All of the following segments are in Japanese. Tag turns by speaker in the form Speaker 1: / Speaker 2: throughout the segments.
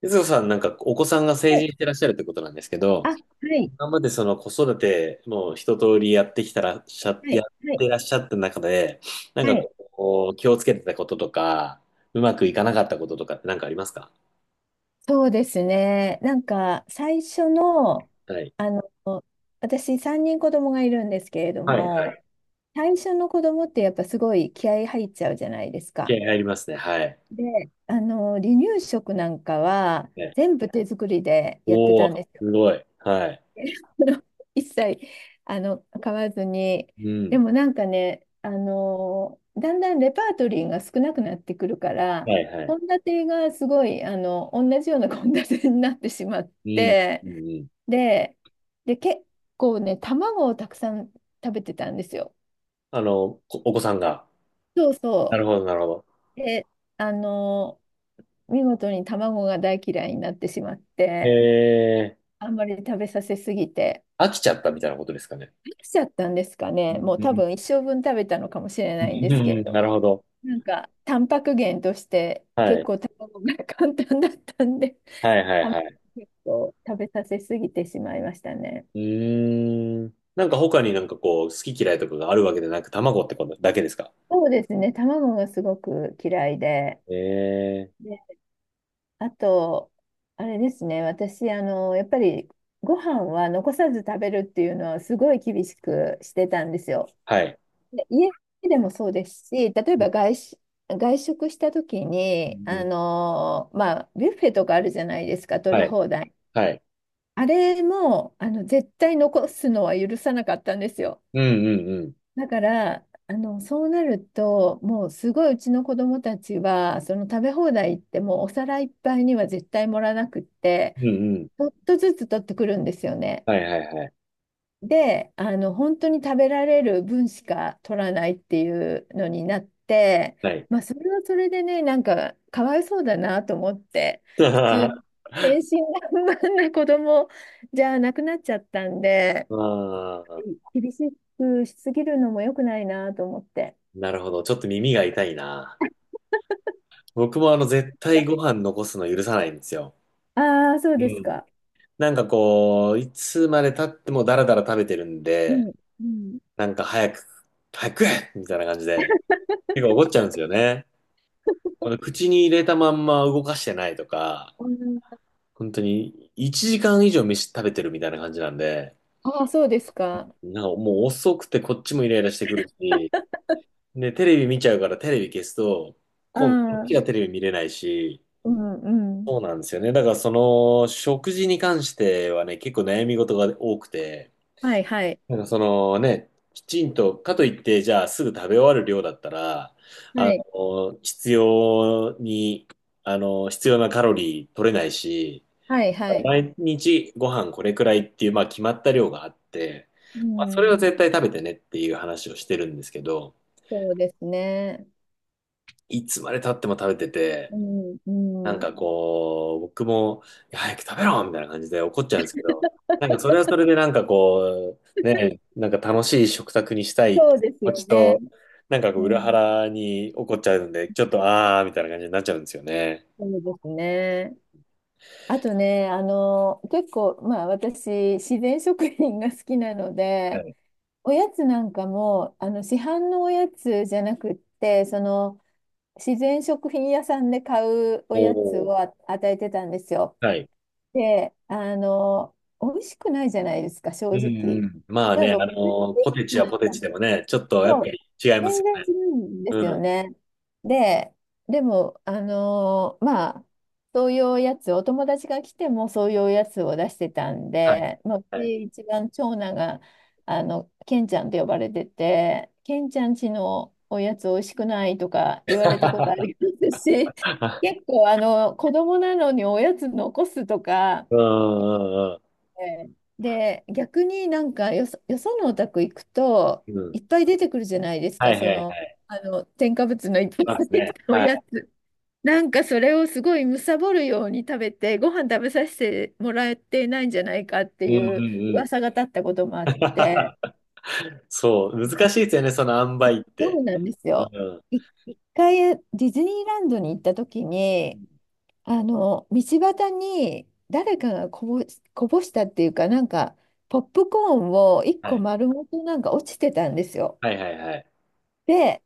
Speaker 1: ゆずこさん、なんかお子さんが成
Speaker 2: は
Speaker 1: 人
Speaker 2: い
Speaker 1: してらっしゃるってことなんですけ
Speaker 2: あ、
Speaker 1: ど、
Speaker 2: はい、
Speaker 1: 今までその子育て、もう一通りやってきたらっしゃ、
Speaker 2: は
Speaker 1: やっ
Speaker 2: い、はい、
Speaker 1: てらっしゃった中で、なん
Speaker 2: は
Speaker 1: か
Speaker 2: い。
Speaker 1: こう、気をつけてたこととか、うまくいかなかったこととかって何かありますか？
Speaker 2: そうですね。なんか、最初の、
Speaker 1: はい。
Speaker 2: あの、私、3人子供がいるんですけれど
Speaker 1: はい。は
Speaker 2: も、
Speaker 1: い。
Speaker 2: 最初の子供ってやっぱすごい気合い入っちゃうじゃないですか。
Speaker 1: 経験ありますね。はい。
Speaker 2: で、離乳食なんかは、
Speaker 1: ね、
Speaker 2: 全部手作りでやって
Speaker 1: お
Speaker 2: たん
Speaker 1: ー、
Speaker 2: ですよ。
Speaker 1: すごい。はい。
Speaker 2: それを一切、買わずに。
Speaker 1: う
Speaker 2: で
Speaker 1: ん。
Speaker 2: もなんかね、だんだんレパートリーが少なくなってくるから、
Speaker 1: はい、はい。
Speaker 2: 献立がすごい、同じような献立になってしまっ
Speaker 1: うん。
Speaker 2: て、
Speaker 1: うん、うん。
Speaker 2: で、で、結構ね、卵をたくさん食べてたんですよ。
Speaker 1: こお子さんが。
Speaker 2: そう
Speaker 1: なる
Speaker 2: そ
Speaker 1: ほど、なるほど。
Speaker 2: う。で、あの、見事に卵が大嫌いになってしまって、
Speaker 1: え
Speaker 2: あんまり食べさせすぎて。
Speaker 1: 飽きちゃったみたいなことですかね。
Speaker 2: しちゃったんですか
Speaker 1: う
Speaker 2: ね。もう多
Speaker 1: ん、
Speaker 2: 分一生分食べたのかもしれ
Speaker 1: う
Speaker 2: ないんですけれ
Speaker 1: ん、
Speaker 2: ど
Speaker 1: なる
Speaker 2: も、
Speaker 1: ほど。
Speaker 2: なんかタンパク源として
Speaker 1: は
Speaker 2: 結
Speaker 1: い。
Speaker 2: 構卵が 簡単だったんで、
Speaker 1: はいはい
Speaker 2: 卵
Speaker 1: はい。
Speaker 2: 結構食べさせすぎてしまいましたね。
Speaker 1: うーん。なんか他になんかこう、好き嫌いとかがあるわけでなく、卵ってことだけですか？
Speaker 2: そうですね、卵がすごく嫌いで、
Speaker 1: ええ、
Speaker 2: で、あと、あれですね、私、やっぱりご飯は残さず食べるっていうのはすごい厳しくしてたんですよ。
Speaker 1: はい。
Speaker 2: で家でもそうですし、例え
Speaker 1: う
Speaker 2: ば
Speaker 1: ん、
Speaker 2: 外食した時
Speaker 1: う
Speaker 2: に、
Speaker 1: んうん、
Speaker 2: まあ、ビュッフェとかあるじゃないですか、取
Speaker 1: は
Speaker 2: り
Speaker 1: い。
Speaker 2: 放題。
Speaker 1: はい。
Speaker 2: あれも、絶対残すのは許さなかったんですよ。
Speaker 1: うんうん。
Speaker 2: だから、そうなると、もうすごいうちの子供たちは、その食べ放題行ってもうお皿いっぱいには絶対盛らなくって、
Speaker 1: うんうん。うん、
Speaker 2: ちょっとずつ取ってくるんですよね。
Speaker 1: はいはいはい。
Speaker 2: で、本当に食べられる分しか取らないっていうのになって、
Speaker 1: はい。
Speaker 2: まあ、それはそれでね、なんか、かわいそうだなと思って、普通、
Speaker 1: あ
Speaker 2: 天真爛漫な子供じゃなくなっちゃったんで、
Speaker 1: あ、
Speaker 2: 厳しくしすぎるのも良くないなと思って。
Speaker 1: なるほど。ちょっと耳が痛いな。僕も絶対ご飯残すの許さないんですよ。
Speaker 2: ああ、そう
Speaker 1: う
Speaker 2: です
Speaker 1: ん。
Speaker 2: か。
Speaker 1: なんかこう、いつまで経ってもダラダラ食べてるん
Speaker 2: う
Speaker 1: で、
Speaker 2: ん、うん。
Speaker 1: なんか早く、早く食えみたいな感じで、結構怒っちゃうんですよね。口に入れたまんま動かしてないとか、
Speaker 2: うん
Speaker 1: 本当に1時間以上飯食べてるみたいな感じなんで、
Speaker 2: ああ、そうですか。
Speaker 1: なんかもう遅くてこっちもイライラしてくるし、で、テレビ見ちゃうからテレビ消すと、
Speaker 2: あ
Speaker 1: 今度こっちが
Speaker 2: あ、
Speaker 1: テレビ見れないし、
Speaker 2: うん、うん。
Speaker 1: そうなんですよね。だからその食事に関してはね、結構悩み事が多くて、
Speaker 2: はい、はい。
Speaker 1: なんかそのね、きちんと、かといってじゃあすぐ食べ終わる量だったら、
Speaker 2: は
Speaker 1: あ
Speaker 2: い、
Speaker 1: の、必要に、あの、必要なカロリー取れないし、
Speaker 2: はい、はい。
Speaker 1: 毎日ご飯これくらいっていう、まあ、決まった量があって、
Speaker 2: う
Speaker 1: まあ、それは
Speaker 2: ん。
Speaker 1: 絶対食べてねっていう話をしてるんですけど、
Speaker 2: そうですね。
Speaker 1: いつまで経っても食べてて、
Speaker 2: うん、
Speaker 1: なん
Speaker 2: う
Speaker 1: か
Speaker 2: ん。
Speaker 1: こう、僕も、いや早く食べろみたいな感じで怒っちゃうんですけど、なんかそれはそれでなんかこう、ね、なんか楽しい食卓にしたいって
Speaker 2: そ
Speaker 1: 気
Speaker 2: うです
Speaker 1: 持
Speaker 2: よ
Speaker 1: ち
Speaker 2: ね。
Speaker 1: と、なんかこ
Speaker 2: う
Speaker 1: う裏
Speaker 2: ん、
Speaker 1: 腹に怒っちゃうんで、ちょっとあーみたいな感じになっちゃうんですよね。
Speaker 2: そうですね。あとね、結構、まあ私、自然食品が好きなの
Speaker 1: は
Speaker 2: で、
Speaker 1: い。
Speaker 2: おやつなんかも、市販のおやつじゃなくって、その、自然食品屋さんで買うおやつ
Speaker 1: おー。
Speaker 2: を与えてたんですよ。
Speaker 1: はい。
Speaker 2: で、美味しくないじゃないですか、正
Speaker 1: うんう
Speaker 2: 直。
Speaker 1: ん。まあ
Speaker 2: 例え
Speaker 1: ね、
Speaker 2: ば、ポテトチッ
Speaker 1: ポ
Speaker 2: プ
Speaker 1: テ
Speaker 2: ス
Speaker 1: チは
Speaker 2: なん
Speaker 1: ポテ
Speaker 2: か
Speaker 1: チ
Speaker 2: も
Speaker 1: でもね、ちょっとやっ
Speaker 2: そ
Speaker 1: ぱ
Speaker 2: う、
Speaker 1: り違います
Speaker 2: 全
Speaker 1: よ
Speaker 2: 然
Speaker 1: ね。
Speaker 2: 違うんです
Speaker 1: う
Speaker 2: よ
Speaker 1: ん。
Speaker 2: ね。で、でも、まあ、そういうおやつ、お友達が来てもそういうおやつを出してたん
Speaker 1: はい、
Speaker 2: で、まあ、う
Speaker 1: はい。
Speaker 2: ち一番長男が、ケンちゃんと呼ばれてて、ケンちゃんちのおやつおいしくないとか言われたことありますし、結 構、子供なのにおやつ残すとか、
Speaker 1: うん、うん、うん。
Speaker 2: ええで、逆になんかよそ、よそのお宅行くと、
Speaker 1: うん。
Speaker 2: いっぱい出てくるじゃないです
Speaker 1: は
Speaker 2: か、
Speaker 1: いは
Speaker 2: そ
Speaker 1: いは
Speaker 2: の、
Speaker 1: い。
Speaker 2: 添加物のいっぱい
Speaker 1: そうで
Speaker 2: 入
Speaker 1: す
Speaker 2: っ
Speaker 1: ね。
Speaker 2: たお
Speaker 1: はい。
Speaker 2: やつ。なんかそれをすごい貪るように食べて、ご飯食べさせてもらえてないんじゃないかって
Speaker 1: うんう
Speaker 2: い
Speaker 1: ん
Speaker 2: う
Speaker 1: うん。
Speaker 2: 噂が立ったこともあって、
Speaker 1: そう、難しいですよね、その塩梅っ
Speaker 2: そ
Speaker 1: て。
Speaker 2: うなんです
Speaker 1: う
Speaker 2: よ。
Speaker 1: ん。
Speaker 2: い一回ディズニーランドに行った時に、道端に誰かがこぼしたっていうか、なんか、ポップコーンを一
Speaker 1: は
Speaker 2: 個
Speaker 1: い。
Speaker 2: 丸ごとなんか落ちてたんですよ。
Speaker 1: はいはいはい。
Speaker 2: で、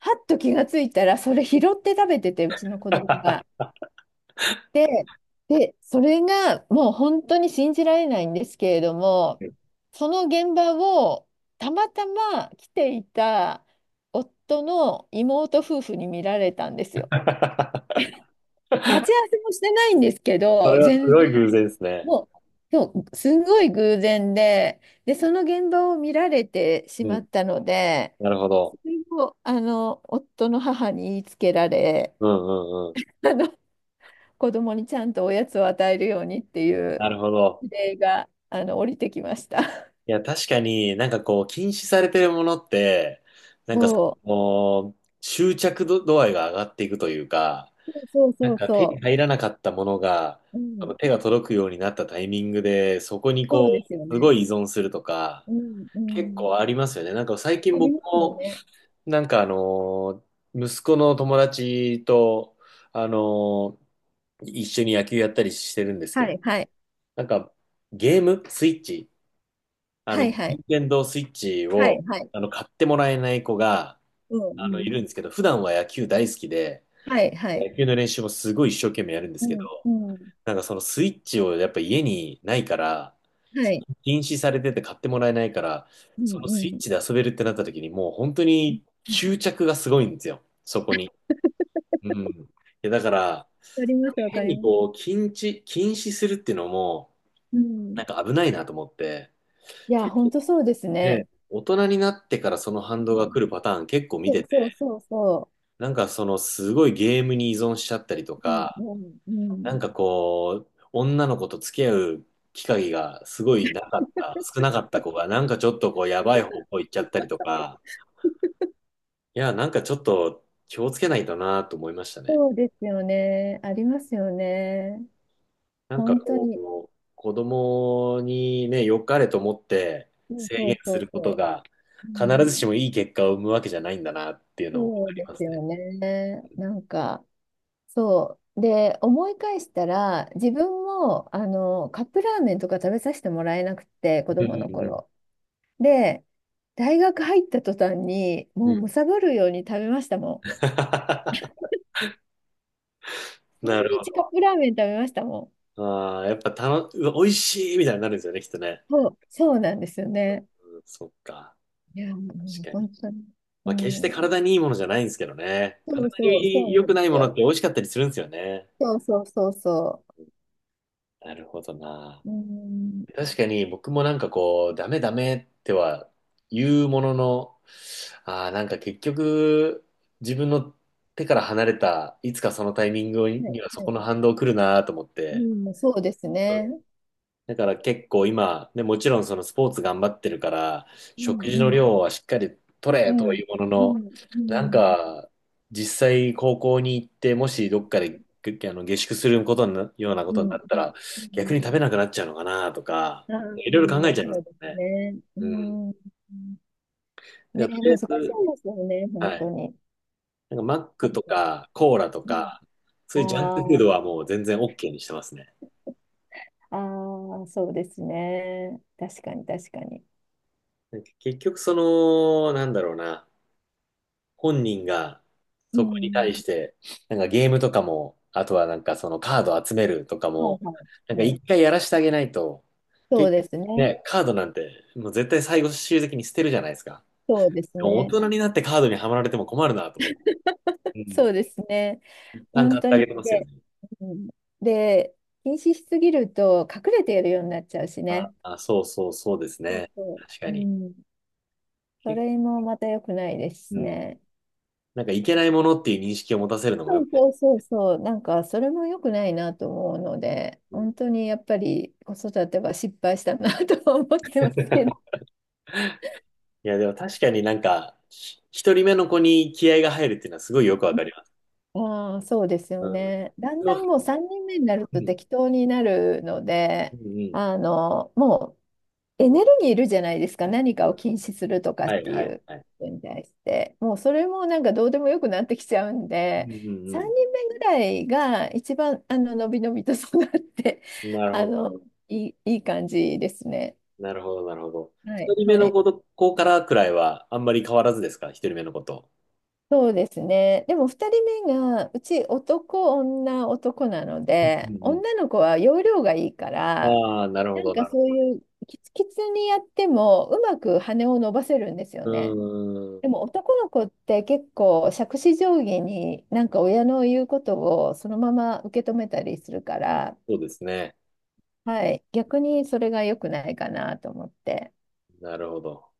Speaker 2: はっと気がついたら、それ拾って食べてて、うちの子供が。で、で、それがもう本当に信じられないんですけれども、その現場をたまたま来ていた夫の妹夫婦に見られたんですよ。待ち合わせもしてないんですけ
Speaker 1: そ
Speaker 2: ど、
Speaker 1: れはすごい偶然ですね。
Speaker 2: もう、そう、すんごい偶然で、で、その現場を見られてし
Speaker 1: う
Speaker 2: ま
Speaker 1: ん。
Speaker 2: ったので、
Speaker 1: なるほ
Speaker 2: そ
Speaker 1: ど。
Speaker 2: れを、夫の母に言いつけられ、
Speaker 1: うんうんうん。
Speaker 2: あの、子供にちゃんとおやつを与えるようにってい
Speaker 1: な
Speaker 2: う
Speaker 1: るほど。
Speaker 2: 指令が、降りてきました。
Speaker 1: いや、確かになんかこう、禁止されてるものって、
Speaker 2: そ
Speaker 1: もう、執着度、度合いが上がっていくというか、
Speaker 2: う、そう
Speaker 1: な
Speaker 2: そ
Speaker 1: ん
Speaker 2: う
Speaker 1: か手に
Speaker 2: そ
Speaker 1: 入らなかったものが、
Speaker 2: う、うん、
Speaker 1: 手が届くようになったタイミングで、そこに
Speaker 2: そ
Speaker 1: こ
Speaker 2: うですよ
Speaker 1: う、す
Speaker 2: ね。
Speaker 1: ごい依存するとか、
Speaker 2: うん、う
Speaker 1: 結
Speaker 2: ん。
Speaker 1: 構ありますよね。なんか最近
Speaker 2: あり
Speaker 1: 僕
Speaker 2: ますよ
Speaker 1: も、
Speaker 2: ね。
Speaker 1: なんか、息子の友達と、あの、一緒に野球やったりしてるんですけ
Speaker 2: は
Speaker 1: ど、
Speaker 2: い、はい、
Speaker 1: なんかゲームスイッチ、
Speaker 2: はい、はい、
Speaker 1: 任天堂スイッチ
Speaker 2: はい、
Speaker 1: を、
Speaker 2: はい、
Speaker 1: 買ってもらえない子が、
Speaker 2: うん、う
Speaker 1: い
Speaker 2: ん、
Speaker 1: るんですけど、普段は野球大好きで、
Speaker 2: はい、はい、
Speaker 1: 野球の練習もすごい一生懸命やるんで
Speaker 2: う
Speaker 1: すけど、
Speaker 2: ん、うん、
Speaker 1: なんかそのスイッチをやっぱ家にないから、
Speaker 2: はい、
Speaker 1: 禁止されてて買ってもらえないから、
Speaker 2: う
Speaker 1: そ
Speaker 2: ん、
Speaker 1: のスイ
Speaker 2: う
Speaker 1: ッ
Speaker 2: ん。
Speaker 1: チで遊べるってなった時にもう本当
Speaker 2: うん
Speaker 1: に執着がすごいんですよ、そこに。うん。いやだから、
Speaker 2: わかります、わか
Speaker 1: 変
Speaker 2: り
Speaker 1: に
Speaker 2: ます。
Speaker 1: こう、禁止するっていうのも、
Speaker 2: う
Speaker 1: な
Speaker 2: ん。
Speaker 1: んか危ないなと思って、
Speaker 2: いや、本当そうです
Speaker 1: ね、
Speaker 2: ね。
Speaker 1: 大人になってからその反
Speaker 2: う
Speaker 1: 動が
Speaker 2: ん。
Speaker 1: 来るパターン結構見
Speaker 2: そ
Speaker 1: て
Speaker 2: う
Speaker 1: て、
Speaker 2: そうそうそ
Speaker 1: なんかそのすごいゲームに依存しちゃったりと
Speaker 2: う。
Speaker 1: か、
Speaker 2: うん。うん、う
Speaker 1: な
Speaker 2: ん、
Speaker 1: んかこう、女の子と付き合う機会がすごいなかった、少なかった子が、なんかちょっとこう、やばい方向行っちゃったりとか、いや、なんかちょっと気をつけないとなと思いましたね。
Speaker 2: そうですよね。ありますよね。
Speaker 1: なんか
Speaker 2: 本当
Speaker 1: こ
Speaker 2: に。
Speaker 1: う、子供にね、良かれと思って
Speaker 2: うん
Speaker 1: 制
Speaker 2: そ
Speaker 1: 限
Speaker 2: う
Speaker 1: す
Speaker 2: そ
Speaker 1: る
Speaker 2: う
Speaker 1: こと
Speaker 2: そ
Speaker 1: が、
Speaker 2: う。う
Speaker 1: 必
Speaker 2: ん、
Speaker 1: ずしもいい結果を生むわけじゃないんだなっていうのを分
Speaker 2: そ
Speaker 1: か
Speaker 2: う
Speaker 1: り
Speaker 2: で
Speaker 1: ま
Speaker 2: す
Speaker 1: すね。
Speaker 2: よね。なんか、そう。で、思い返したら、自分も、カップラーメンとか食べさせてもらえなくて、子
Speaker 1: うん
Speaker 2: 供の
Speaker 1: うんうん
Speaker 2: 頃。で、大学入った途端に、
Speaker 1: う
Speaker 2: も
Speaker 1: ん
Speaker 2: う貪るように食べましたもん。毎
Speaker 1: なるほ
Speaker 2: 日カッ
Speaker 1: ど。
Speaker 2: プラーメン食べましたもん。
Speaker 1: ああ、やっぱうわ美味しいみたいになるんですよね、きっとね。
Speaker 2: そう、そうなんですよね。
Speaker 1: うん、そっか。
Speaker 2: いや、も
Speaker 1: 確
Speaker 2: う
Speaker 1: か
Speaker 2: 本
Speaker 1: に。
Speaker 2: 当に。う
Speaker 1: まあ、決して
Speaker 2: ん。
Speaker 1: 体にいいものじゃないんですけどね。
Speaker 2: そ
Speaker 1: 体
Speaker 2: うそう、そう
Speaker 1: に良
Speaker 2: な
Speaker 1: く
Speaker 2: んで
Speaker 1: ない
Speaker 2: す
Speaker 1: ものっ
Speaker 2: よ。
Speaker 1: て美味しかったりするんですよね。
Speaker 2: そうそうそうそ
Speaker 1: なるほどな。
Speaker 2: う。うん。
Speaker 1: 確かに僕もなんかこう、ダメダメっては言うものの、ああ、なんか結局自分の手から離れた、いつかそのタイミング
Speaker 2: はい、
Speaker 1: にはそ
Speaker 2: は
Speaker 1: この
Speaker 2: い。
Speaker 1: 反動来るなと思っ
Speaker 2: う
Speaker 1: て。
Speaker 2: ん、そうですね。
Speaker 1: だから結構今、ね、もちろんそのスポーツ頑張ってるから、
Speaker 2: うん、
Speaker 1: 食事の
Speaker 2: うん、
Speaker 1: 量はしっかり取
Speaker 2: う
Speaker 1: れ
Speaker 2: ん、
Speaker 1: というもの
Speaker 2: う
Speaker 1: の、
Speaker 2: ん、う
Speaker 1: なん
Speaker 2: ん、
Speaker 1: か、実際高校に行って、もしどっかで下宿することになようなこ
Speaker 2: う
Speaker 1: とにな
Speaker 2: ん、
Speaker 1: ったら、
Speaker 2: う
Speaker 1: 逆に
Speaker 2: ん。
Speaker 1: 食べなくなっちゃうのかなとか、
Speaker 2: ああー、
Speaker 1: いろいろ考えちゃいます
Speaker 2: そう
Speaker 1: よ
Speaker 2: です
Speaker 1: ね。
Speaker 2: ね。う
Speaker 1: うん。だか
Speaker 2: ん。
Speaker 1: ら
Speaker 2: ね、
Speaker 1: とりあえ
Speaker 2: 難しい
Speaker 1: ず、
Speaker 2: ですよね、本
Speaker 1: は
Speaker 2: 当
Speaker 1: い。
Speaker 2: に。
Speaker 1: なんかマッ
Speaker 2: な
Speaker 1: ク
Speaker 2: ん
Speaker 1: と
Speaker 2: か、
Speaker 1: かコーラと
Speaker 2: う
Speaker 1: か、そういうジャンクフ
Speaker 2: ん、
Speaker 1: ード
Speaker 2: あ
Speaker 1: はもう全然 OK にしてますね。
Speaker 2: あ、ああ、そうですね。確かに、確かに。
Speaker 1: なんか結局その、なんだろうな。本人が
Speaker 2: う
Speaker 1: そこに
Speaker 2: ん。
Speaker 1: 対して、なんかゲームとかも、あとはなんかそのカード集めるとか
Speaker 2: はい
Speaker 1: も、
Speaker 2: は
Speaker 1: な
Speaker 2: い。
Speaker 1: んか
Speaker 2: はい。
Speaker 1: 一回やらしてあげないと、結
Speaker 2: そうで
Speaker 1: 局
Speaker 2: すね。
Speaker 1: ね、カードなんてもう絶対最後終的に捨てるじゃないですか。
Speaker 2: そうです
Speaker 1: でも大
Speaker 2: ね。
Speaker 1: 人になってカードにはまられても困るなと思って。う
Speaker 2: そ
Speaker 1: ん。
Speaker 2: うですね。
Speaker 1: 一旦買
Speaker 2: 本
Speaker 1: っ
Speaker 2: 当
Speaker 1: てあ
Speaker 2: に。
Speaker 1: げてますよ
Speaker 2: で、
Speaker 1: ね。
Speaker 2: うん、で、禁止しすぎると隠れてやるようになっちゃうし
Speaker 1: あ
Speaker 2: ね。
Speaker 1: あ、そうそうそうです
Speaker 2: そう
Speaker 1: ね。
Speaker 2: そ
Speaker 1: 確か
Speaker 2: う。う
Speaker 1: に。
Speaker 2: ん。そ
Speaker 1: け
Speaker 2: れもまた良くないです
Speaker 1: う
Speaker 2: し
Speaker 1: ん。
Speaker 2: ね。
Speaker 1: なんかいけないものっていう認識を持たせるのも
Speaker 2: そ
Speaker 1: よ
Speaker 2: う
Speaker 1: く。
Speaker 2: そうそうそう。なんか、それも良くないなと思うので、
Speaker 1: うん、
Speaker 2: 本当にやっぱり子育ては失敗したなとは思ってますけど。
Speaker 1: いや、でも確かになんか、一人目の子に気合が入るっていうのはすごいよくわかります。
Speaker 2: ああ、そうですよ
Speaker 1: うん。
Speaker 2: ね。だんだ
Speaker 1: の、
Speaker 2: んもう3人目になる
Speaker 1: う
Speaker 2: と
Speaker 1: ん、
Speaker 2: 適当になるの
Speaker 1: う
Speaker 2: で、
Speaker 1: ん、
Speaker 2: もうエネルギーいるじゃないですか。何か
Speaker 1: う
Speaker 2: を
Speaker 1: ん。
Speaker 2: 禁止するとかっ
Speaker 1: はい、
Speaker 2: て
Speaker 1: は
Speaker 2: い
Speaker 1: い、
Speaker 2: う
Speaker 1: はい。
Speaker 2: ことに対して。もうそれもなんかどうでもよくなってきちゃうんで、
Speaker 1: うん、う
Speaker 2: 3
Speaker 1: ん、
Speaker 2: 人目ぐらいが一番、のびのびと育って、
Speaker 1: うん。なる
Speaker 2: あ
Speaker 1: ほど。
Speaker 2: の、いい、いい感じですね。
Speaker 1: なるほど、なるほど。
Speaker 2: は
Speaker 1: 一
Speaker 2: い、
Speaker 1: 人目
Speaker 2: は
Speaker 1: の
Speaker 2: い。
Speaker 1: 子と、子からくらいは、あんまり変わらずですか、一人目の子と。
Speaker 2: そうですね。でも2人目がうち男女男なの
Speaker 1: うん、う
Speaker 2: で
Speaker 1: ん、
Speaker 2: 女の子は容量がいいか
Speaker 1: う
Speaker 2: ら
Speaker 1: ん。ああ、なるほ
Speaker 2: なん
Speaker 1: ど、
Speaker 2: か
Speaker 1: なる
Speaker 2: そう
Speaker 1: ほど。
Speaker 2: いうキツキツにやってもうまく羽を伸ばせるんですよ
Speaker 1: う
Speaker 2: ね。
Speaker 1: ーん。
Speaker 2: でも男の子って結構杓子定規になんか親の言うことをそのまま受け止めたりするから、
Speaker 1: そうですね。
Speaker 2: はい、逆にそれが良くないかなと思って。
Speaker 1: なるほど。